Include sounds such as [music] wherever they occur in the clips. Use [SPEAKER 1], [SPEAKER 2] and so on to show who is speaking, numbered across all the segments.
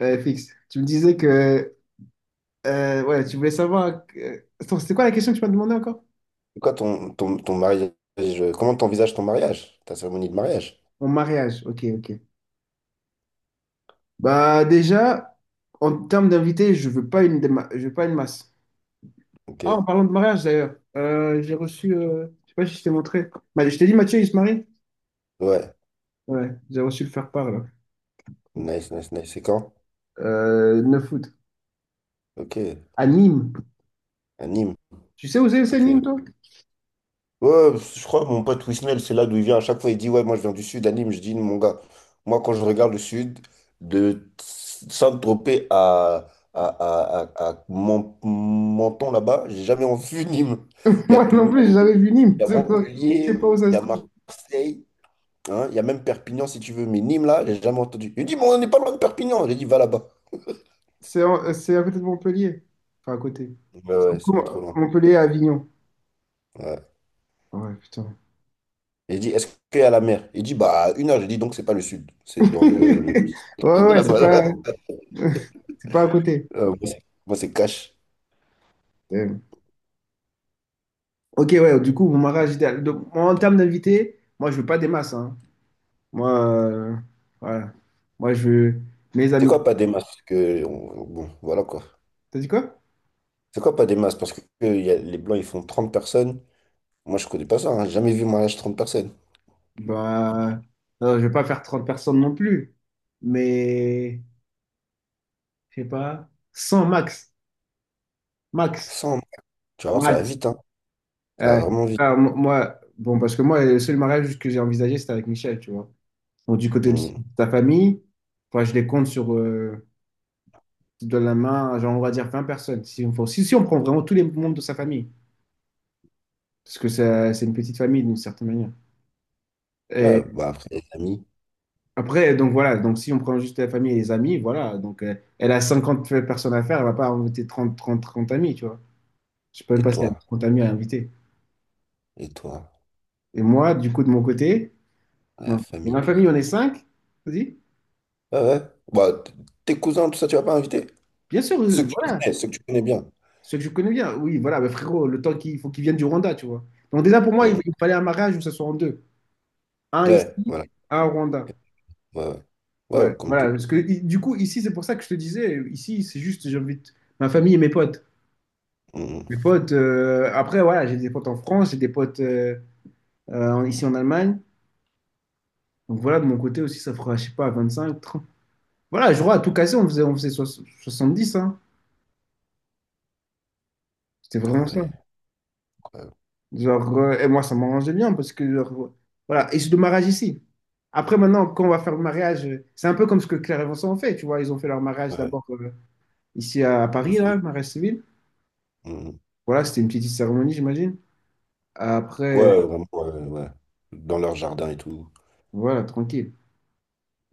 [SPEAKER 1] Ouais, fixe. Tu me disais que ouais, tu voulais savoir. Attends, c'était quoi la question que tu m'as demandé encore?
[SPEAKER 2] C'est quoi ton mariage? Comment t'envisages ton mariage? Ta cérémonie de mariage?
[SPEAKER 1] Mon mariage. Ok, ok. Bah déjà, en termes d'invités, je veux pas une je veux pas une masse.
[SPEAKER 2] Ok.
[SPEAKER 1] Ah, en parlant de mariage d'ailleurs, j'ai reçu. Je sais pas si je t'ai montré. Je t'ai dit Mathieu, il se marie?
[SPEAKER 2] Ouais.
[SPEAKER 1] Ouais, j'ai reçu le faire-part là.
[SPEAKER 2] Nice, nice, nice. C'est quand?
[SPEAKER 1] 9 août.
[SPEAKER 2] Ok.
[SPEAKER 1] À Nîmes.
[SPEAKER 2] À Nîmes.
[SPEAKER 1] Tu sais où c'est
[SPEAKER 2] Ok.
[SPEAKER 1] Nîmes, toi?
[SPEAKER 2] Ouais, je crois que mon pote Wisnel, c'est là d'où il vient. À chaque fois, il dit, ouais, moi je viens du sud, à Nîmes. Je dis, mon gars, moi quand je regarde le sud, de Saint-Tropez à Menton là-bas, j'ai jamais [laughs] vu Nîmes.
[SPEAKER 1] [laughs]
[SPEAKER 2] Il y a
[SPEAKER 1] Moi non
[SPEAKER 2] Toulon,
[SPEAKER 1] plus, j'ai
[SPEAKER 2] il
[SPEAKER 1] jamais vu Nîmes.
[SPEAKER 2] y a
[SPEAKER 1] [laughs] Je sais pas je sais
[SPEAKER 2] Montpellier,
[SPEAKER 1] pas où ça
[SPEAKER 2] il y
[SPEAKER 1] se
[SPEAKER 2] a
[SPEAKER 1] trouve.
[SPEAKER 2] Marseille. Hein, il y a même Perpignan si tu veux, mais Nîmes là, j'ai jamais entendu. Il dit, mais on n'est pas loin de Perpignan. J'ai dit, va là-bas.
[SPEAKER 1] C'est à côté de Montpellier. Enfin, à côté.
[SPEAKER 2] Donc, ouais,
[SPEAKER 1] Ça se
[SPEAKER 2] ouais, c'est
[SPEAKER 1] trouve
[SPEAKER 2] pas trop
[SPEAKER 1] à
[SPEAKER 2] loin.
[SPEAKER 1] Montpellier à Avignon.
[SPEAKER 2] Ouais.
[SPEAKER 1] Ouais, putain.
[SPEAKER 2] Il dit, est-ce qu'il y a la mer? Il dit, bah, à une heure. J'ai dit, donc c'est pas le sud, c'est dans le...
[SPEAKER 1] [laughs] Ouais,
[SPEAKER 2] [laughs]
[SPEAKER 1] ouais, c'est
[SPEAKER 2] là-bas.
[SPEAKER 1] pas,
[SPEAKER 2] Là.
[SPEAKER 1] c'est pas à côté.
[SPEAKER 2] Moi, c'est moi, c'est cash.
[SPEAKER 1] Euh, Ok, ouais, du coup, mon mariage idéal. Donc, moi, en termes d'invités, moi, je veux pas des masses, hein. Moi, voilà. Moi, je veux mes
[SPEAKER 2] C'est
[SPEAKER 1] amis.
[SPEAKER 2] quoi pas des masses? Parce que, bon, voilà quoi.
[SPEAKER 1] T'as dit quoi?
[SPEAKER 2] C'est quoi pas des masses? Parce que les Blancs, ils font 30 personnes. Moi, je connais pas ça. Hein. J'ai jamais vu un mariage 30 personnes.
[SPEAKER 1] Bah, non, je vais pas faire 30 personnes non plus. Mais, je sais pas, 100 max. Max.
[SPEAKER 2] 100. Tu vas voir, ça va
[SPEAKER 1] Max.
[SPEAKER 2] vite. Hein. Ça
[SPEAKER 1] Ouais.
[SPEAKER 2] va vraiment vite.
[SPEAKER 1] Ah, moi, bon, parce que moi, le seul mariage que j'ai envisagé, c'était avec Michel, tu vois. Donc, du côté de
[SPEAKER 2] Hmm.
[SPEAKER 1] ta famille, enfin, je les compte sur. Tu donnes la main, à, genre, on va dire 20 personnes. Si on prend vraiment tous les membres de sa famille, parce que c'est une petite famille d'une certaine manière. Et
[SPEAKER 2] Ouais, bah, après, les amis,
[SPEAKER 1] après, donc voilà, donc si on prend juste la famille et les amis, voilà, donc elle a 50 personnes à faire, elle va pas inviter 30 30 30 amis, tu vois. Je peux même
[SPEAKER 2] et
[SPEAKER 1] pas si elle a
[SPEAKER 2] toi,
[SPEAKER 1] 30 amis à inviter.
[SPEAKER 2] et toi,
[SPEAKER 1] Et moi, du coup, de mon côté,
[SPEAKER 2] la
[SPEAKER 1] donc, dans
[SPEAKER 2] famille
[SPEAKER 1] ma
[SPEAKER 2] plus
[SPEAKER 1] famille, on est
[SPEAKER 2] amis.
[SPEAKER 1] cinq, vas-y.
[SPEAKER 2] Ouais, ouais. Bah, tes cousins, tout ça, tu vas pas inviter?
[SPEAKER 1] Bien sûr,
[SPEAKER 2] Ceux que tu
[SPEAKER 1] voilà,
[SPEAKER 2] connais, ceux que tu connais bien.
[SPEAKER 1] ceux que je connais bien, oui, voilà, mais frérot, le temps qu'il faut qu'ils viennent du Rwanda, tu vois. Donc déjà, pour moi, il,
[SPEAKER 2] Mm.
[SPEAKER 1] il fallait un mariage où ça soit en deux. Un
[SPEAKER 2] Ouais,
[SPEAKER 1] ici,
[SPEAKER 2] voilà.
[SPEAKER 1] un au Rwanda.
[SPEAKER 2] Ouais, ouais.
[SPEAKER 1] Ouais,
[SPEAKER 2] Ouais, comme tout.
[SPEAKER 1] voilà, parce que du coup, ici, c'est pour ça que je te disais, ici, c'est juste, j'invite ma famille et mes potes.
[SPEAKER 2] Mm.
[SPEAKER 1] Mes potes, après, voilà, j'ai des potes en France, j'ai des potes ici en Allemagne. Donc voilà, de mon côté aussi, ça fera, je sais pas, cinq trente. Voilà, je crois à tout casser, on faisait dix, hein. C'était vraiment
[SPEAKER 2] Ah
[SPEAKER 1] ça.
[SPEAKER 2] ouais, incroyable.
[SPEAKER 1] Genre, et moi, ça m'arrangeait bien parce que, genre, voilà, et c'est le mariage ici. Après, maintenant, quand on va faire le mariage, c'est un peu comme ce que Claire et Vincent ont fait, tu vois, ils ont fait leur mariage
[SPEAKER 2] Ouais,
[SPEAKER 1] d'abord ici à Paris, là,
[SPEAKER 2] ici.
[SPEAKER 1] le mariage civil.
[SPEAKER 2] Mm.
[SPEAKER 1] Voilà, c'était une petite cérémonie, j'imagine. Après,
[SPEAKER 2] Ouais, vraiment, ouais, ouais. Ouais. Dans leur jardin et tout.
[SPEAKER 1] voilà, tranquille.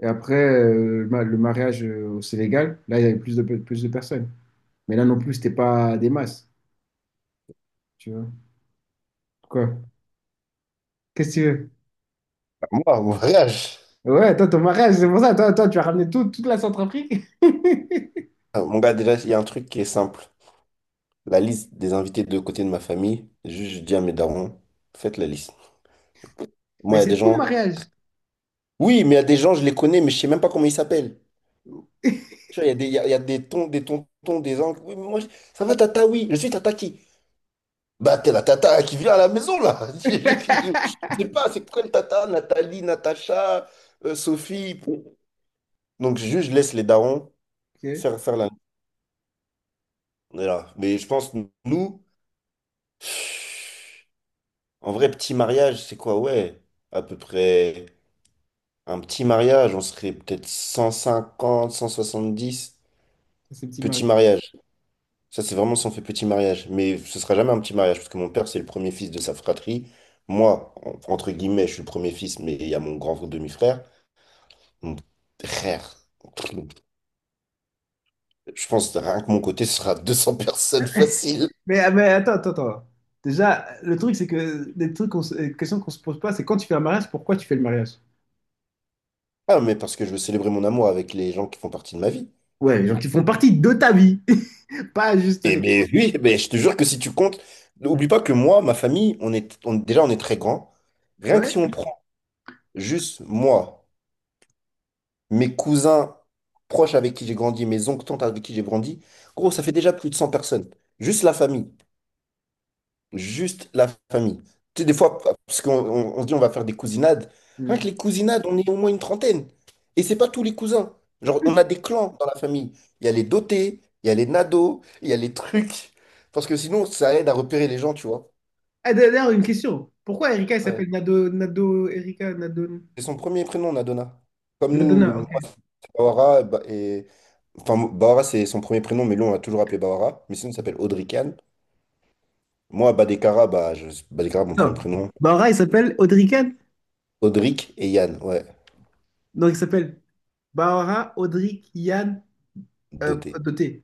[SPEAKER 1] Et après, le mariage au Sénégal, là, il y avait plus de personnes. Mais là non plus, c'était pas des masses, tu vois. Quoi? Qu'est-ce que tu veux?
[SPEAKER 2] Ah, moi, mon voyage.
[SPEAKER 1] Ouais, toi, ton mariage, c'est pour ça, toi, tu as ramené toute la Centrafrique. [laughs]
[SPEAKER 2] Ah, mon gars, déjà, il y a un truc qui est simple. La liste des invités de côté de ma famille, juste je dis à mes darons, faites la liste.
[SPEAKER 1] Mais
[SPEAKER 2] Moi, il y a des
[SPEAKER 1] c'est ton
[SPEAKER 2] gens.
[SPEAKER 1] mariage.
[SPEAKER 2] Oui, mais il y a des gens, je les connais, mais je sais même pas comment ils s'appellent.
[SPEAKER 1] [laughs]
[SPEAKER 2] Tu vois, il y a des tons, des tontons, des oncles. Oui, mais moi, ça va, tata, oui, je suis tata qui? Bah, t'es la tata qui vient à la maison, là. [laughs] Je sais pas, c'est quoi le tata? Nathalie, Natacha, Sophie. Bon. Donc, juste, je laisse les darons
[SPEAKER 1] Ok,
[SPEAKER 2] faire la. On est là. Mais je pense, nous, en vrai, petit mariage, c'est quoi? Ouais, à peu près un petit mariage, on serait peut-être 100, 150, 70
[SPEAKER 1] c'est petit
[SPEAKER 2] Petit
[SPEAKER 1] mariage.
[SPEAKER 2] mariage. Ça, c'est vraiment si on fait petit mariage. Mais ce sera jamais un petit mariage, parce que mon père, c'est le premier fils de sa fratrie. Moi, entre guillemets, je suis le premier fils, mais il y a mon grand demi-frère. Mon frère. Je pense que rien que mon côté, ce sera 200 personnes facile.
[SPEAKER 1] Mais, ah, mais attends, attends, attends. Déjà, le truc, c'est que les questions qu'on se pose pas, c'est quand tu fais un mariage, pourquoi tu fais le mariage?
[SPEAKER 2] Ah, mais parce que je veux célébrer mon amour avec les gens qui font partie de ma vie.
[SPEAKER 1] Ouais, les gens qui font partie de ta vie, [laughs] pas juste
[SPEAKER 2] Eh
[SPEAKER 1] les...
[SPEAKER 2] mais oui, mais je te jure que si tu comptes, n'oublie pas que moi, ma famille, déjà, on est très grand. Rien que
[SPEAKER 1] Ouais.
[SPEAKER 2] si on prend juste moi, mes cousins proches avec qui j'ai grandi, mes oncles, tantes avec qui j'ai grandi, gros, ça fait déjà plus de 100 personnes. Juste la famille. Juste la famille. Tu sais, des fois, parce qu'on on se dit on va faire des cousinades. Rien que les cousinades, on est au moins une trentaine. Et c'est pas tous les cousins. Genre, on a des clans dans la famille. Il y a les dotés, il y a les nados, il y a les trucs. Parce que sinon, ça aide à repérer les gens, tu vois.
[SPEAKER 1] Ah, d'ailleurs, une question. Pourquoi Erika, elle
[SPEAKER 2] Ouais.
[SPEAKER 1] s'appelle Nado, Nado, Erika, Nado
[SPEAKER 2] C'est son premier prénom, Nadona. Comme nous,
[SPEAKER 1] Nadona,
[SPEAKER 2] moi,
[SPEAKER 1] ok.
[SPEAKER 2] c'est Bawara, et, enfin, Bahara, c'est son premier prénom, mais lui, on l'a toujours appelé Bahara. Mais sinon, il s'appelle Audric Yann. Moi, Badekara, bah, je... Badekara, mon premier
[SPEAKER 1] Attends,
[SPEAKER 2] prénom.
[SPEAKER 1] Bahora, il s'appelle Audrican.
[SPEAKER 2] Audric et Yann, ouais.
[SPEAKER 1] Donc, il s'appelle Bahora, Audric, Yann,
[SPEAKER 2] Doté,
[SPEAKER 1] Doté.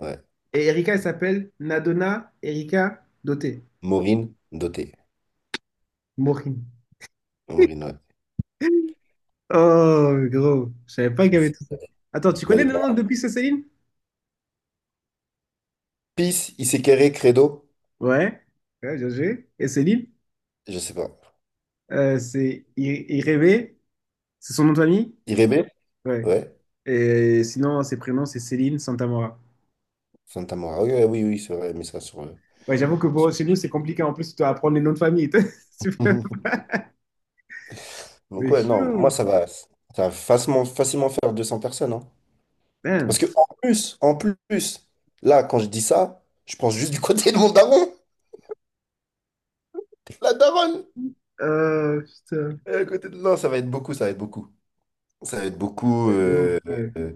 [SPEAKER 2] ouais.
[SPEAKER 1] Et Erika, elle s'appelle Nadona, Erika, Doté.
[SPEAKER 2] Maureen, doté.
[SPEAKER 1] Morin.
[SPEAKER 2] Maureen, ouais.
[SPEAKER 1] Oh, gros, je savais pas qu'il y
[SPEAKER 2] Moi,
[SPEAKER 1] avait
[SPEAKER 2] c'est
[SPEAKER 1] tout ça. Attends, tu connais le
[SPEAKER 2] Badekara.
[SPEAKER 1] nom de plus, Céline?
[SPEAKER 2] Peace, Isekere, Credo,
[SPEAKER 1] Ouais, ouais, bien joué. Et Céline,
[SPEAKER 2] je sais pas.
[SPEAKER 1] c'est Irebe, c'est son nom de famille?
[SPEAKER 2] Irebe,
[SPEAKER 1] Ouais.
[SPEAKER 2] ouais.
[SPEAKER 1] Et sinon, ses prénoms, c'est Céline Santamora.
[SPEAKER 2] Santa Mora, oui, oui, oui, c'est vrai, mais ça
[SPEAKER 1] Ouais, j'avoue que
[SPEAKER 2] sur-
[SPEAKER 1] bon, chez nous, c'est compliqué. En plus, tu dois apprendre les noms de famille. [laughs] C'est vrai.
[SPEAKER 2] [laughs] Donc,
[SPEAKER 1] Mais
[SPEAKER 2] ouais, non, moi,
[SPEAKER 1] chaud.
[SPEAKER 2] ça va. Ça va facilement, facilement faire 200 personnes, hein. Parce que,
[SPEAKER 1] Damn.
[SPEAKER 2] en plus, là, quand je dis ça, je pense juste du côté de mon daron. La daronne!
[SPEAKER 1] Putain.
[SPEAKER 2] Non, ça va être beaucoup, ça va être beaucoup. Ça va être beaucoup.
[SPEAKER 1] Ouais, de ouf, ouais.
[SPEAKER 2] Euh,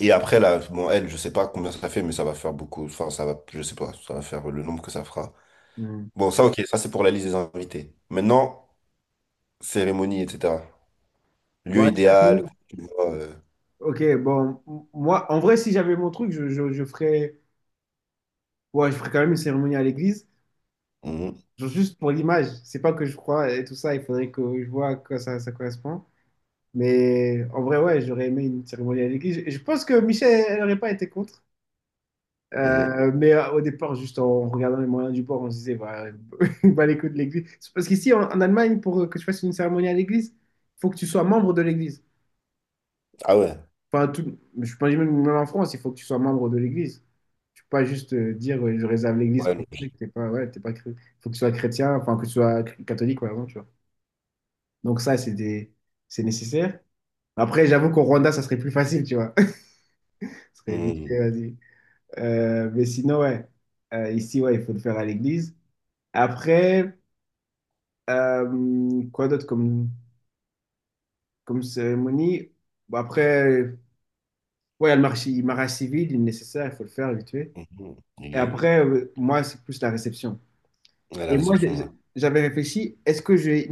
[SPEAKER 2] Et après, là, bon, elle, je sais pas combien ça fait, mais ça va faire beaucoup. Enfin, ça va, je sais pas, ça va faire le nombre que ça fera.
[SPEAKER 1] Hmm.
[SPEAKER 2] Bon, ça, ok, ça, c'est pour la liste des invités. Maintenant, cérémonie, etc.
[SPEAKER 1] Bon,
[SPEAKER 2] Lieu
[SPEAKER 1] la
[SPEAKER 2] idéal,
[SPEAKER 1] cérémonie.
[SPEAKER 2] tu vois.
[SPEAKER 1] Ok, bon. Moi, en vrai, si j'avais mon truc, je ferais... Ouais, je ferais quand même une cérémonie à l'église.
[SPEAKER 2] Mhm,
[SPEAKER 1] Genre juste pour l'image. C'est pas que je crois et tout ça. Il faudrait que je vois à quoi ça correspond. Mais en vrai, ouais, j'aurais aimé une cérémonie à l'église. Et je pense que Michel, elle n'aurait pas été contre.
[SPEAKER 2] mhm.
[SPEAKER 1] Mais au départ, juste en regardant les moyens du bord, on se disait, bah, [laughs] bah les coups de l'église. C'est parce qu'ici, en Allemagne, pour que tu fasses une cérémonie à l'église, il faut que tu sois membre de l'église.
[SPEAKER 2] Ah ouais,
[SPEAKER 1] Enfin, tout, je pense même en France, il faut que tu sois membre de l'église. Tu peux pas juste dire, ouais, je réserve l'église
[SPEAKER 2] ouais,
[SPEAKER 1] pour que t'es pas, ouais, t'es pas, faut que tu sois chrétien, enfin, que tu sois catholique, par exemple, tu vois. Donc ça, c'est nécessaire. Après, j'avoue qu'au Rwanda, ça serait plus facile, tu vois. [laughs] Ça serait vite fait,
[SPEAKER 2] mhm,
[SPEAKER 1] vas-y. Mais sinon, ouais. Ici, ouais, il faut le faire à l'église. Après, quoi d'autre comme, cérémonie? Bon, après, ouais, il y a le mariage civil, il est nécessaire, il faut le faire vite fait.
[SPEAKER 2] mhm.
[SPEAKER 1] Et
[SPEAKER 2] L'église.
[SPEAKER 1] après, moi, c'est plus la réception.
[SPEAKER 2] Ouais, la
[SPEAKER 1] Et moi,
[SPEAKER 2] réception, là.
[SPEAKER 1] j'avais réfléchi, est-ce que j'ai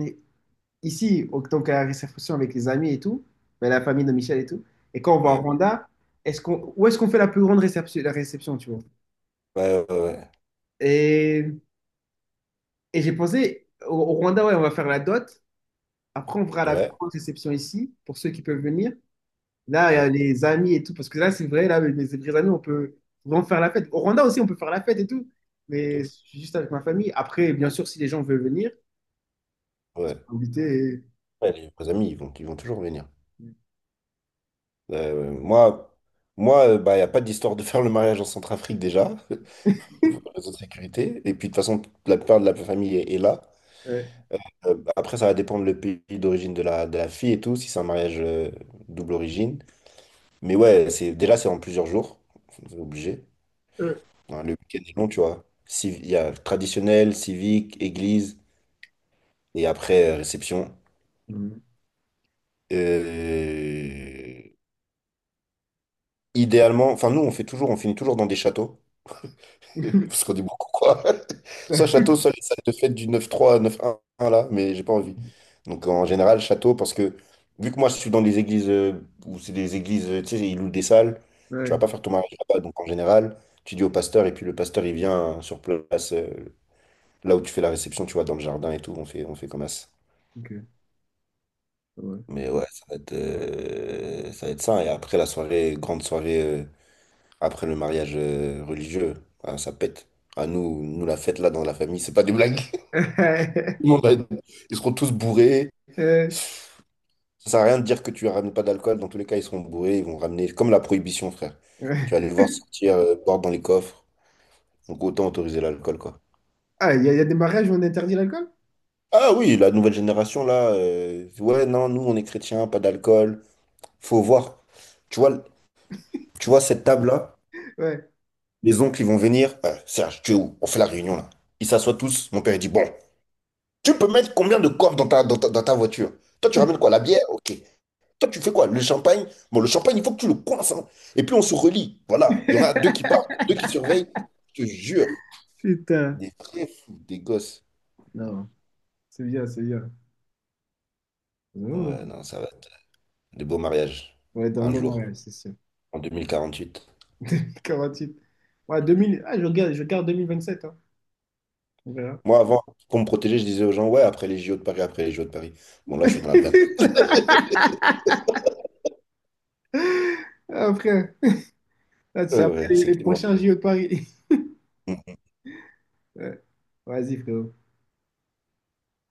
[SPEAKER 1] ici, en tant qu'à la réception avec les amis et tout, ben, la famille de Michel et tout, et quand on va au
[SPEAKER 2] Ouais,
[SPEAKER 1] Rwanda, où est-ce qu'on fait la plus grande réception, la réception, tu vois?
[SPEAKER 2] ouais, ouais, ouais,
[SPEAKER 1] Et, et j'ai pensé, au Rwanda, ouais, on va faire la dot. Après, on fera la plus
[SPEAKER 2] ouais,
[SPEAKER 1] grande réception ici, pour ceux qui peuvent venir. Là, il
[SPEAKER 2] ouais,
[SPEAKER 1] y a
[SPEAKER 2] ouais,
[SPEAKER 1] les amis et tout, parce que là, c'est vrai, là, mes vrais amis, on peut vraiment faire la fête. Au Rwanda aussi, on peut faire la fête et tout,
[SPEAKER 2] pas de
[SPEAKER 1] mais je
[SPEAKER 2] ouf.
[SPEAKER 1] suis juste avec ma famille. Après, bien sûr, si les gens veulent venir,
[SPEAKER 2] Ouais.
[SPEAKER 1] inviter.
[SPEAKER 2] Ouais, les vrais amis, ils vont toujours venir. Euh, moi, moi, bah, il n'y a pas d'histoire de faire le mariage en Centrafrique déjà, [laughs] pour des raisons de sécurité. Et puis, de toute façon, la plupart de la famille est là.
[SPEAKER 1] Ouais.
[SPEAKER 2] Bah, après, ça va dépendre le pays d'origine de la fille et tout, si c'est un mariage double origine. Mais ouais, c'est, déjà, c'est en plusieurs jours. C'est obligé.
[SPEAKER 1] Euh,
[SPEAKER 2] Hein, le week-end est long, tu vois. Il y a traditionnel, civique, église, et après, réception.
[SPEAKER 1] Mhm.
[SPEAKER 2] Euh, idéalement, enfin, nous, on fait toujours, on finit toujours dans des châteaux. [laughs] Parce qu'on est beaucoup, quoi. [laughs] Soit
[SPEAKER 1] [laughs]
[SPEAKER 2] château, soit les salles de fête du 9-3 à 9-1, là, mais j'ai pas envie. Donc en général, château, parce que vu que moi je suis dans des églises où c'est des églises, tu sais, ils louent des salles, tu vas pas
[SPEAKER 1] Ouais,
[SPEAKER 2] faire ton mariage là-bas. Donc en général, tu dis au pasteur, et puis le pasteur il vient sur place, là où tu fais la réception, tu vois, dans le jardin et tout, on fait comme ça.
[SPEAKER 1] ok, ouais.
[SPEAKER 2] Mais ouais, ça va être ça. Et après la soirée, grande soirée, après le mariage religieux, ah, ça pète. Ah, nous, nous, la fête là dans la famille, c'est pas des blagues. Tout le monde
[SPEAKER 1] [laughs]
[SPEAKER 2] va être- Ils seront tous bourrés.
[SPEAKER 1] Euh,
[SPEAKER 2] Ça sert à rien de dire que tu ramènes pas d'alcool. Dans tous les cas, ils seront bourrés. Ils vont ramener comme la prohibition, frère.
[SPEAKER 1] ouais.
[SPEAKER 2] Tu vas les voir sortir, boire dans les coffres. Donc autant autoriser l'alcool, quoi.
[SPEAKER 1] Ah, il y a des mariages où on interdit l'alcool?
[SPEAKER 2] Ah oui, la nouvelle génération, là. Ouais, non, nous, on est chrétiens, pas d'alcool. Faut voir. Tu vois, tu vois cette table-là?
[SPEAKER 1] Ouais,
[SPEAKER 2] Les oncles, ils vont venir. Serge, tu es où? On fait la réunion, là. Ils s'assoient tous. Mon père, il dit, bon, tu peux mettre combien de coffres dans ta voiture? Toi, tu ramènes quoi? La bière? Ok. Toi, tu fais quoi? Le champagne? Bon, le champagne, il faut que tu le coinces. Hein. Et puis, on se relie. Voilà. Il y en a deux qui partent, deux qui surveillent. Je te jure.
[SPEAKER 1] putain.
[SPEAKER 2] Des vrais fous, des gosses.
[SPEAKER 1] Non, c'est bien, c'est bien. Oh,
[SPEAKER 2] Ouais, non, ça va être des beaux mariages.
[SPEAKER 1] on dans un
[SPEAKER 2] Un
[SPEAKER 1] bon
[SPEAKER 2] jour,
[SPEAKER 1] mariage, c'est sûr.
[SPEAKER 2] en 2048.
[SPEAKER 1] [laughs] 48. Ouais, je regarde, 2027, hein. On verra.
[SPEAKER 2] Moi, avant, pour me protéger, je disais aux gens, ouais, après les JO de Paris, après les JO de Paris. Bon, là, je suis dans la merde.
[SPEAKER 1] [laughs] Ah, frère. Ah, c'est
[SPEAKER 2] Ouais,
[SPEAKER 1] après
[SPEAKER 2] ouais,
[SPEAKER 1] les
[SPEAKER 2] c'était loin.
[SPEAKER 1] prochains JO de Paris. [laughs] Ouais. Vas-y, frérot.